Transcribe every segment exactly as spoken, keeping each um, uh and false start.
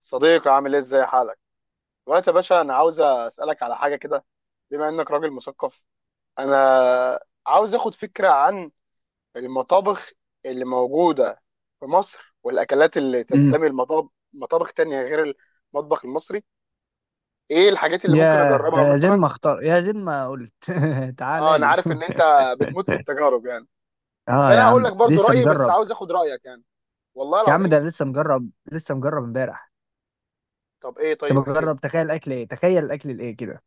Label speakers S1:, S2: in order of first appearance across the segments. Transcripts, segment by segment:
S1: صديقي، عامل ايه؟ ازاي حالك دلوقتي يا باشا؟ انا عاوز اسالك على حاجه كده، بما انك راجل مثقف. انا عاوز اخد فكره عن المطابخ اللي موجوده في مصر، والاكلات اللي
S2: امم
S1: تنتمي لمطابخ مطابخ تانية غير المطبخ المصري. ايه الحاجات اللي ممكن
S2: ياه،
S1: اجربها
S2: ده زين
S1: مثلا؟
S2: ما اختار يا زين ما قلت.
S1: اه،
S2: تعالى
S1: انا
S2: لي.
S1: عارف ان انت بتموت في التجارب يعني.
S2: اه يا
S1: فانا هقول
S2: عم
S1: لك برضو
S2: لسه
S1: رايي، بس
S2: مجرب.
S1: عاوز اخد رايك يعني، والله
S2: يا عم
S1: العظيم.
S2: ده لسه مجرب، لسه مجرب امبارح.
S1: طب ايه؟
S2: كنت
S1: طيب احكي لي
S2: بجرب، تخيل اكل ايه تخيل الاكل الايه كده،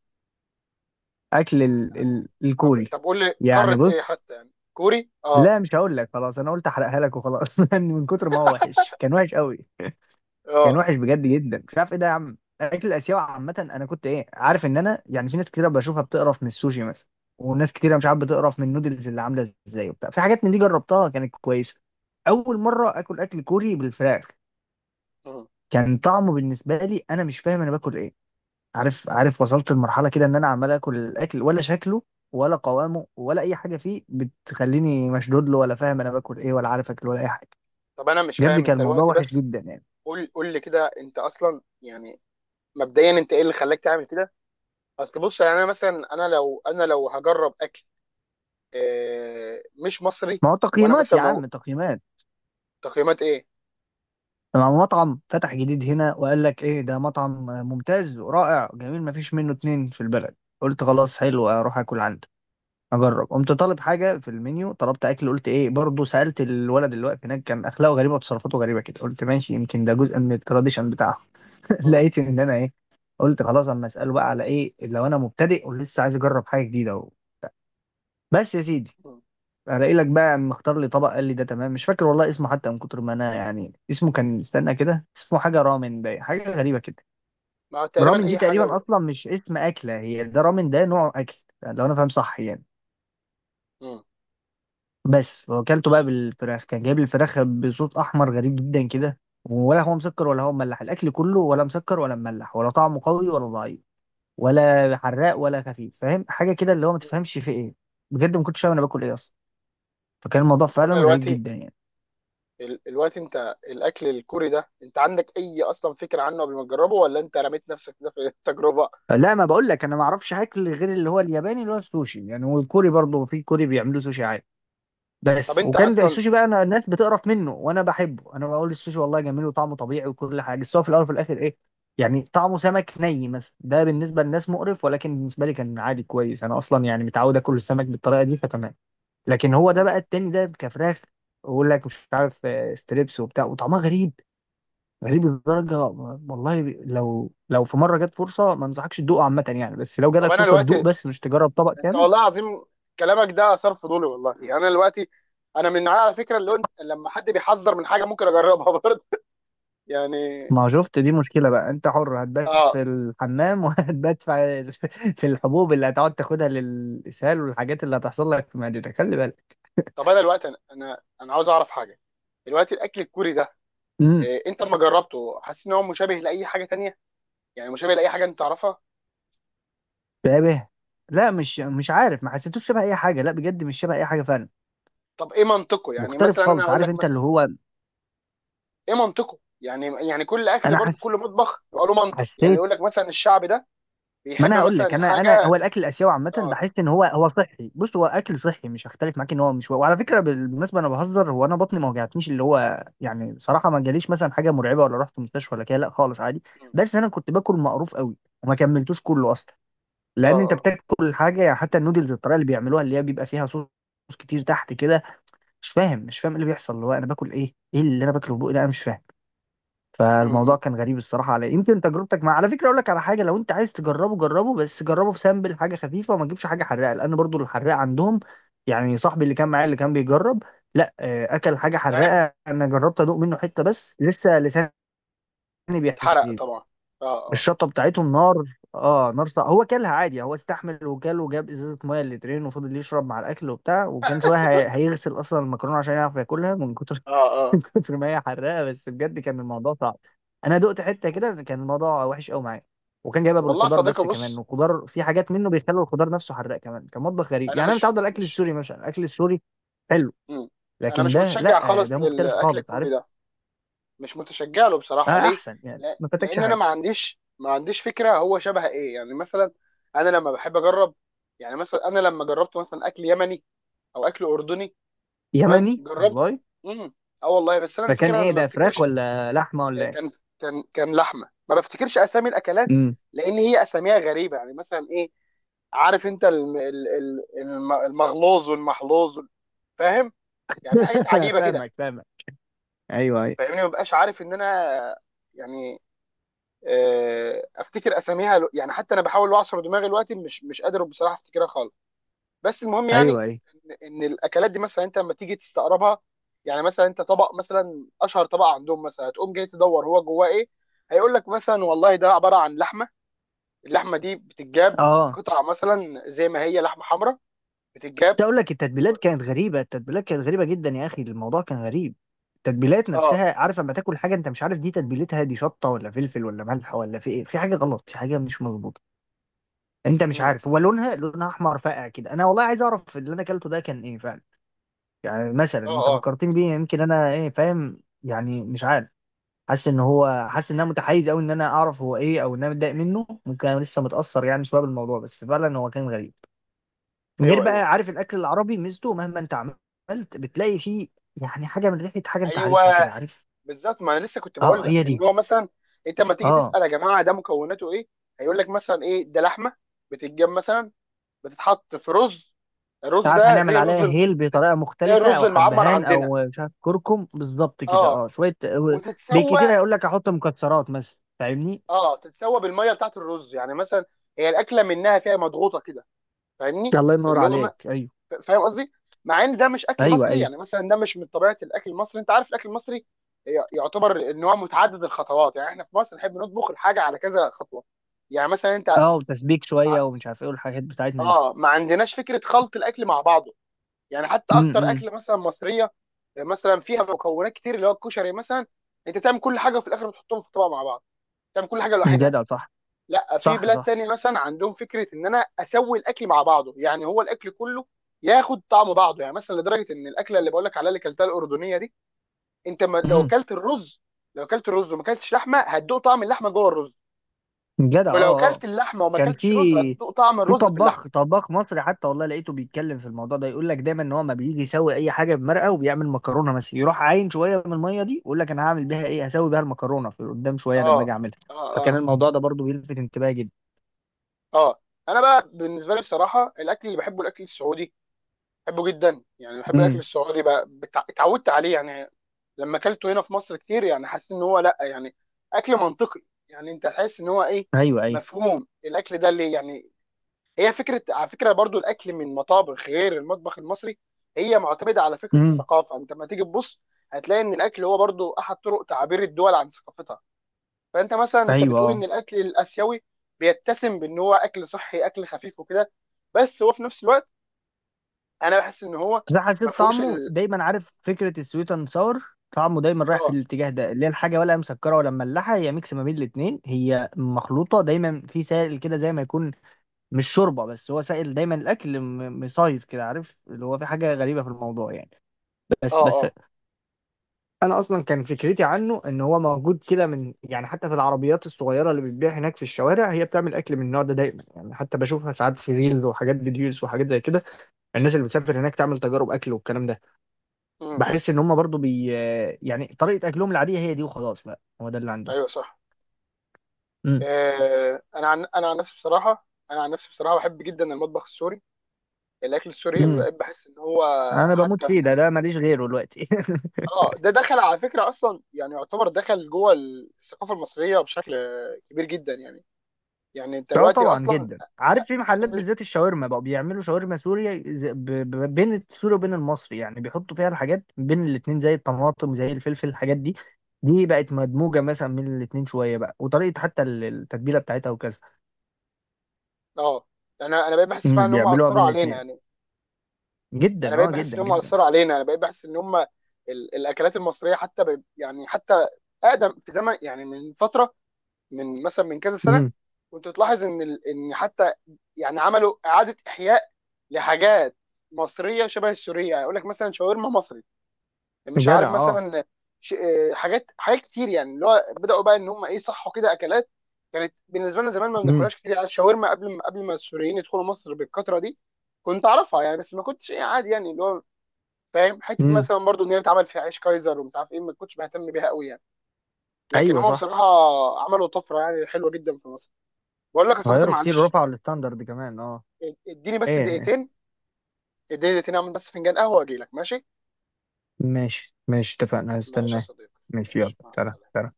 S2: اكل ال...
S1: يعني.
S2: ال...
S1: طب
S2: الكوري
S1: طب قول لي
S2: يعني.
S1: قاره ايه
S2: بص،
S1: حتى؟ يعني كوري؟ اه،
S2: لا مش هقول لك، خلاص انا قلت احرقها لك وخلاص. من كتر ما هو وحش، كان وحش قوي. كان
S1: اه.
S2: وحش بجد جدا. مش عارف ايه ده يا عم، الاكل الاسيوي عامه، انا كنت ايه عارف ان انا يعني في ناس كتيره بشوفها بتقرف من السوشي مثلا، وناس كتيره مش عارف بتقرف من النودلز اللي عامله ازاي وبتاع، في حاجات من دي جربتها كانت كويسه. اول مره اكل اكل كوري بالفراخ كان طعمه بالنسبه لي، انا مش فاهم انا باكل ايه. عارف عارف وصلت لمرحله كده ان انا عمال اكل الاكل، ولا شكله ولا قوامه ولا اي حاجه فيه بتخليني مشدود له، ولا فاهم انا باكل ايه، ولا عارف اكل ولا اي حاجه.
S1: طب انا مش
S2: بجد
S1: فاهم انت
S2: كان الموضوع
S1: دلوقتي،
S2: وحش
S1: بس...
S2: جدا يعني.
S1: قول قول لي كده، انت اصلا يعني مبدئيا انت ايه اللي خلاك تعمل كده؟ اصل بص يعني، انا مثلا، انا لو انا لو هجرب اكل آه، مش مصري.
S2: ما هو
S1: وانا
S2: تقييمات
S1: مثلا
S2: يا
S1: مو...
S2: عم، تقييمات.
S1: تقييمات ايه؟
S2: مع مطعم فتح جديد هنا، وقال لك ايه، ده مطعم ممتاز ورائع جميل ما فيش منه اتنين في البلد. قلت خلاص حلو اروح اكل عنده، اجرب. قمت طالب حاجه في المنيو، طلبت اكل قلت ايه برضه، سالت الولد اللي واقف هناك، كان اخلاقه غريبه وتصرفاته غريبه كده، قلت ماشي يمكن ده جزء من التراديشن بتاعهم.
S1: مم.
S2: لقيت ان انا ايه، قلت خلاص اما اساله بقى على ايه، لو انا مبتدئ ولسه عايز اجرب حاجه جديده اهو. بس يا سيدي،
S1: مم.
S2: هلاقي لك بقى مختار لي طبق، قال لي ده تمام. مش فاكر والله اسمه حتى، من كتر ما انا يعني، اسمه كان استنى كده، اسمه حاجه رامن باين، حاجه غريبه كده.
S1: ما هو تقريبا
S2: رامن دي
S1: اي حاجه
S2: تقريبا
S1: ب...
S2: اصلا مش اسم اكله هي، ده رامن ده نوع اكل لو انا فاهم صح يعني.
S1: مم.
S2: بس وكلته بقى بالفراخ، كان جايب لي الفراخ بصوت احمر غريب جدا كده، ولا هو مسكر ولا هو مملح، الاكل كله ولا مسكر ولا مملح ولا طعمه قوي ولا ضعيف ولا حراق ولا خفيف، فاهم حاجه كده اللي هو ما
S1: مم.
S2: تفهمش في ايه. بجد ما كنتش فاهم انا باكل ايه اصلا. فكان الموضوع
S1: طب
S2: فعلا
S1: انا
S2: غريب
S1: دلوقتي،
S2: جدا يعني.
S1: ال- دلوقتي انت الاكل الكوري ده، انت عندك اي اصلا فكره عنه قبل ما تجربه، ولا انت رميت نفسك كده في التجربه؟
S2: لا، ما بقول لك انا ما اعرفش اكل غير اللي هو الياباني، اللي هو السوشي يعني، والكوري برضه، في كوري بيعملوا سوشي عادي
S1: طب
S2: بس،
S1: انت
S2: وكان ده
S1: اصلا...
S2: السوشي بقى انا، الناس بتقرف منه وانا بحبه، انا بقول السوشي والله جميل وطعمه طبيعي وكل حاجه، بس هو في الاول وفي الاخر ايه. يعني طعمه سمك ني مثلا، ده بالنسبه للناس مقرف، ولكن بالنسبه لي كان عادي كويس، انا اصلا يعني متعود اكل السمك بالطريقه دي فتمام. لكن هو ده
S1: مم.
S2: بقى التاني ده كفراخ، ويقول لك مش عارف، آه، ستريبس وبتاع، وطعمها غريب. غريب لدرجة، والله لو لو في مرة جت فرصة، ما انصحكش تدوقه عامة يعني، بس لو
S1: طب
S2: جالك
S1: انا
S2: فرصة تدوق،
S1: دلوقتي،
S2: بس مش تجرب طبق
S1: انت
S2: كامل.
S1: والله العظيم كلامك ده اثار فضولي والله. يعني انا دلوقتي، انا من النوعية على فكره، اللي انت لما حد بيحذر من حاجه ممكن اجربها برضه يعني.
S2: ما شفت، دي مشكلة بقى، انت حر، هتبات في
S1: اه.
S2: الحمام، وهتبات في في الحبوب اللي هتقعد تاخدها للإسهال، والحاجات اللي هتحصل لك في معدتك، خلي بالك.
S1: طب انا دلوقتي، انا انا أنا عاوز اعرف حاجه. دلوقتي الاكل الكوري ده
S2: امم
S1: إيه؟ انت لما جربته حاسس ان هو مشابه لاي حاجه تانية؟ يعني مشابه لاي حاجه انت تعرفها؟
S2: شبه، لا، مش مش عارف، ما حسيتوش شبه اي حاجة، لا بجد مش شبه اي حاجة فعلا.
S1: طب ايه منطقه؟ يعني
S2: مختلف
S1: مثلا انا
S2: خالص،
S1: هقول
S2: عارف
S1: لك
S2: انت اللي
S1: مثلا.
S2: هو،
S1: ايه منطقه يعني؟ يعني كل اكل
S2: انا
S1: برضه، كل
S2: حس
S1: مطبخ يبقى له منطق. يعني
S2: حسيت.
S1: يقول لك مثلا الشعب ده
S2: ما
S1: بيحب
S2: انا هقول
S1: مثلا
S2: لك، انا انا
S1: الحاجه.
S2: هو الاكل الاسيوي عامه،
S1: اه،
S2: بحس ان هو هو صحي، بص هو اكل صحي، مش هختلف معاك ان هو، مش، وعلى فكره بالمناسبه انا بهزر، هو انا بطني ما وجعتنيش، اللي هو يعني بصراحه ما جاليش مثلا حاجه مرعبه، ولا رحت مستشفى ولا كده، لا خالص عادي. بس انا كنت باكل مقروف قوي، وما كملتوش كله اصلا،
S1: اه،
S2: لان انت
S1: اه.
S2: بتاكل حاجه يعني حتى النودلز، الطريقه اللي بيعملوها، اللي هي بيبقى فيها صوص كتير تحت كده، مش فاهم مش فاهم إيه اللي بيحصل، اللي هو انا باكل ايه، ايه اللي انا باكله
S1: م-
S2: بقى ده، انا مش فاهم.
S1: م-
S2: فالموضوع
S1: م.
S2: كان غريب الصراحه، على يمكن تجربتك، مع على فكره اقول لك على حاجه، لو انت عايز تجربه جربه، بس جربه في سامبل، حاجه خفيفه، وما تجيبش حاجه حراقه، لان برضو الحراقه عندهم يعني، صاحبي اللي كان معايا اللي كان بيجرب، لا، آه، اكل حاجه
S1: تعب.
S2: حراقه، انا جربت ادوق منه حته، بس لسه لساني
S1: اتحرق
S2: بيحتاج.
S1: طبعا، اه. اه،
S2: الشطه بتاعتهم نار. اه نار، صع- هو كلها عادي، هو استحمل وكل، وجاب ازازه ميه لترين، وفضل يشرب مع الاكل وبتاع، وكان شويه هي- هيغسل اصلا المكرونه عشان يعرف ياكلها، من كتر
S1: اه،
S2: من
S1: اه.
S2: كتر ما هي حراقه، بس بجد كان الموضوع صعب. انا دقت حته كده، كان الموضوع وحش قوي معايا. وكان جايبها
S1: والله يا
S2: بالخضار
S1: صديقي
S2: بس كمان،
S1: بص،
S2: والخضار في حاجات منه بيخلوا الخضار نفسه حراق كمان. كان مطبخ غريب
S1: انا
S2: يعني، انا
S1: مش
S2: متعود على الاكل
S1: مش
S2: السوري مثلا، الاكل السوري حلو،
S1: مم. انا
S2: لكن
S1: مش
S2: ده
S1: متشجع
S2: لا،
S1: خالص
S2: ده مختلف
S1: للاكل
S2: خالص
S1: الكوري
S2: عارف.
S1: ده، مش متشجع له بصراحه،
S2: آه،
S1: ليه؟
S2: احسن يعني
S1: لا،
S2: ما فاتكش
S1: لان انا
S2: حاجه.
S1: ما عنديش ما عنديش فكره هو شبه ايه، يعني مثلا انا لما بحب اجرب، يعني مثلا انا لما جربت مثلا اكل يمني او اكل اردني. تمام،
S2: يمني
S1: جربت.
S2: والله.
S1: امم. اه والله، بس انا
S2: فكان
S1: الفكره
S2: ايه
S1: انا ما
S2: ده، فراخ
S1: بفتكرش.
S2: ولا لحمه ولا ايه؟
S1: كان كان كان لحمه. ما بفتكرش اسامي الاكلات،
S2: امم.
S1: لان هي اساميها غريبه، يعني مثلا إيه؟ عارف انت الم- ال- ال- الم- المغلوظ والمحلوظ وال- فاهم؟ يعني في حاجات عجيبه كده.
S2: فاهمك فاهمك. ايوه ايوه.
S1: فاهمني، ما ببقاش عارف ان انا يعني آه، افتكر اساميها لو- يعني. حتى انا بحاول اعصر دماغي دلوقتي، مش مش قادر بصراحه افتكرها خالص. بس المهم
S2: ايوه
S1: يعني
S2: ايوه.
S1: ان إن الاكلات دي مثلا انت لما تيجي تستقربها. يعني مثلا انت طبق مثلا، اشهر طبق عندهم مثلا، هتقوم جاي تدور هو جواه ايه. هيقول لك مثلا والله ده عباره عن لحمه، اللحمه دي بتتجاب
S2: اه،
S1: قطع مثلا زي ما هي لحمه حمراء، بتتجاب.
S2: كنت اقول لك التتبيلات كانت غريبه، التتبيلات كانت غريبه جدا يا اخي، الموضوع كان غريب. التتبيلات
S1: اه.
S2: نفسها، عارف لما تاكل حاجه انت مش عارف دي تتبيلتها، دي شطه ولا فلفل ولا ملح ولا في ايه، في حاجه غلط، في حاجه مش مظبوطه، انت مش
S1: مم.
S2: عارف، هو لونها، لونها احمر فاقع كده، انا والله عايز اعرف اللي انا اكلته ده كان ايه فعلا. يعني مثلا
S1: اه،
S2: انت
S1: اه.
S2: فكرتني بيه، يمكن انا ايه فاهم يعني مش عارف، حاسس ان هو، حاسس ان انا متحيز قوي، ان انا اعرف هو ايه، او ان انا متضايق منه، ممكن انا لسه متاثر يعني شويه بالموضوع، بس فعلا هو كان غريب. غير
S1: ايوه،
S2: بقى
S1: ايوه،
S2: عارف، الاكل العربي ميزته مهما انت عملت، بتلاقي فيه يعني حاجه من ريحه، حاجه انت عارفها كده،
S1: ايوه،
S2: عارف.
S1: بالظبط. ما انا لسه كنت
S2: اه،
S1: بقول لك
S2: هي
S1: ان
S2: دي.
S1: هو مثلا انت لما تيجي
S2: اه
S1: تسال يا جماعه ده مكوناته ايه، هيقول لك مثلا ايه؟ ده لحمه، بتتجاب مثلا، بتتحط في رز، الرز
S2: عارف،
S1: ده
S2: هنعمل
S1: زي الرز
S2: عليها
S1: ال-
S2: هيل بطريقه
S1: زي
S2: مختلفه،
S1: الرز
S2: او
S1: المعمر
S2: حبهان،
S1: عندنا.
S2: او مش عارف كركم بالظبط كده،
S1: اه،
S2: اه شويه
S1: وتتسوى.
S2: بكتير، هيقول لك احط مكسرات مثلا، فاهمني.
S1: اه، تتسوى بالميه بتاعت الرز يعني مثلا. هي الاكله منها فيها مضغوطه كده، فاهمني؟
S2: الله ينور
S1: اللي هو
S2: عليك. ايوه
S1: ف- فاهم قصدي؟ مع ان ده مش اكل
S2: ايوه.
S1: مصري،
S2: ايوه،
S1: يعني مثلا ده مش من طبيعه الاكل المصري. انت عارف الاكل المصري ي- يعتبر ان هو متعدد الخطوات، يعني احنا في مصر نحب نطبخ الحاجه على كذا خطوه. يعني مثلا انت
S2: اه، وتسبيك شويه
S1: مع-
S2: ومش عارف ايه، والحاجات بتاعتنا دي.
S1: اه، ما عندناش فكره خلط الاكل مع بعضه. يعني حتى اكتر
S2: امم.
S1: اكل مثلا مصريه مثلا فيها مكونات كتير، اللي هو الكشري مثلا، انت تعمل كل حاجه وفي الاخر بتحطهم في طبق مع بعض، تعمل كل حاجه
S2: إمم.
S1: لوحدها.
S2: جدع صح.
S1: لا، في
S2: صح
S1: بلاد
S2: صح.
S1: تانية مثلا عندهم فكره ان انا اسوي الاكل مع بعضه، يعني هو الاكل كله ياخد طعم بعضه. يعني مثلا لدرجه ان الاكله اللي بقول لك عليها، اللي كلتها الاردنيه دي، انت ما لو
S2: امم.
S1: كلت الرز. لو كلت الرز وما كلتش لحمه، هتدوق طعم اللحمه جوه الرز.
S2: جدع،
S1: ولو
S2: اه
S1: كلت
S2: اه.
S1: اللحمه وما
S2: كان في
S1: كلتش رز، هتدوق طعم
S2: في
S1: الرز في اللحمه.
S2: طباخ طباخ مصري حتى، والله لقيته بيتكلم في الموضوع ده، يقول لك دايما ان هو ما بيجي يسوي اي حاجه بمرقه، وبيعمل مكرونه مثلا، يروح عاين شويه من الميه دي، ويقول لك انا هعمل بيها ايه، هسوي بيها المكرونه في قدام شويه لما اجي
S1: اه،
S2: اعملها.
S1: اه،
S2: فكان
S1: اه،
S2: الموضوع ده برضو بيلفت انتباهي جدا.
S1: اه. انا بقى بالنسبه لي بصراحه، الاكل اللي بحبه الاكل السعودي. بحبه جدا يعني، بحب الاكل
S2: امم.
S1: السعودي بقى، بتع- اتعودت عليه يعني. لما اكلته هنا في مصر كتير، يعني حسيت ان هو لا يعني اكل منطقي، يعني انت تحس ان هو ايه
S2: ايوه ايوه.
S1: مفهوم الاكل ده اللي يعني... هي فكره، على فكره برضو، الاكل من مطابخ غير المطبخ المصري هي معتمده على فكره
S2: امم.
S1: الثقافه. انت لما تيجي تبص، هتلاقي ان الاكل هو برضو احد طرق تعبير الدول عن ثقافتها. فانت مثلا، انت
S2: ايوه.
S1: بتقول ان
S2: اه،
S1: الاكل الاسيوي بيتسم بان هو اكل صحي، اكل خفيف وكده. بس هو في نفس الوقت، انا بحس ان هو
S2: بس أنا
S1: ما
S2: حسيت
S1: فيهوش.
S2: طعمه دايما، عارف فكره السويت اند ساور، طعمه دايما رايح في
S1: اه.
S2: الاتجاه ده، اللي هي الحاجه ولا مسكره ولا مملحه، هي ميكس ما بين الاثنين، هي مخلوطه دايما في سائل كده زي ما يكون، مش شوربه بس هو سائل دايما، الاكل م- مسايز كده، عارف اللي هو في حاجه
S1: مم.
S2: غريبه في الموضوع يعني.
S1: اه،
S2: بس بس.
S1: اه.
S2: انا اصلا كان فكرتي عنه ان هو موجود كده من يعني، حتى في العربيات الصغيره اللي بتبيع هناك في الشوارع، هي بتعمل اكل من النوع ده دايما يعني، حتى بشوفها ساعات في ريلز وحاجات فيديوز وحاجات زي كده، الناس اللي بتسافر هناك تعمل تجارب اكل والكلام ده.
S1: مم.
S2: بحس ان هم برضو بي يعني طريقه اكلهم العاديه هي دي وخلاص بقى، هو ده اللي عنده.
S1: ايوه صح.
S2: امم.
S1: آه، انا عن انا عن نفسي بصراحه انا عن نفسي بصراحه بحب جدا المطبخ السوري، الاكل السوري.
S2: امم.
S1: بقيت بحس ان هو
S2: انا بموت فيه
S1: حتى
S2: ده،
S1: يعني،
S2: ده ماليش غيره دلوقتي.
S1: اه، ده دخل على فكره اصلا، يعني يعتبر دخل جوه الثقافه المصريه بشكل كبير جدا يعني. يعني انت
S2: اه
S1: دلوقتي
S2: طبعا
S1: اصلا
S2: جدا، عارف في محلات
S1: انا مش-
S2: بالذات الشاورما بقوا بيعملوا شاورما سوريا، ز- ب- ب- بين السوري وبين المصري يعني، بيحطوا فيها الحاجات بين الاتنين، زي الطماطم زي الفلفل، الحاجات دي دي بقت مدموجة مثلا بين الاتنين شوية بقى، وطريقة حتى ال- التتبيلة بتاعتها وكذا.
S1: اه، انا انا بقيت بحس فعلا
S2: امم،
S1: ان هم
S2: بيعملوها
S1: اثروا
S2: بين
S1: علينا
S2: الاتنين.
S1: يعني. انا
S2: جدا،
S1: بقيت
S2: اه
S1: بحس
S2: جدا
S1: ان هم
S2: جدا.
S1: اثروا علينا، انا بقيت بحس ان هم ال- الاكلات المصريه حتى ب... يعني حتى اقدم في زمن يعني، من فتره، من مثلا من كذا سنه،
S2: امم.
S1: كنت تلاحظ ان ال- ان حتى يعني عملوا اعاده احياء لحاجات مصريه شبه السوريه. يعني يقول لك مثلا شاورما مصري، مش عارف
S2: جدع، اه.
S1: مثلا ش- آه، حاجات حاجات كتير يعني، اللي هو بداوا بقى ان هم ايه، صحوا كده اكلات كانت بالنسبه لنا زمان ما
S2: امم.
S1: بناكلهاش كتير. يعني الشاورما قبل ما قبل ما السوريين يدخلوا مصر بالكثره دي، كنت اعرفها يعني، بس ما كنتش ايه، عادي يعني. اللي هو فاهم حته،
S2: امم.
S1: مثلا برضو ان هي اتعمل فيها عيش كايزر ومش عارف ايه، ما كنتش بهتم بيها قوي يعني. لكن
S2: ايوه
S1: هم
S2: صح.
S1: بصراحه عملوا طفره يعني حلوه جدا في مصر. بقول لك يا صديقي،
S2: غيروا كتير،
S1: معلش،
S2: رفعوا الستاندرد كمان، اه.
S1: اديني بس
S2: ايه إيه.
S1: دقيقتين. اديني دقيقتين اعمل بس فنجان قهوه واجي لك، ماشي؟
S2: ماشي ماشي، اتفقنا،
S1: ماشي يا
S2: هستناه.
S1: صديقي،
S2: ماشي يلا،
S1: ماشي، مع
S2: سلام
S1: السلامه.
S2: سلام.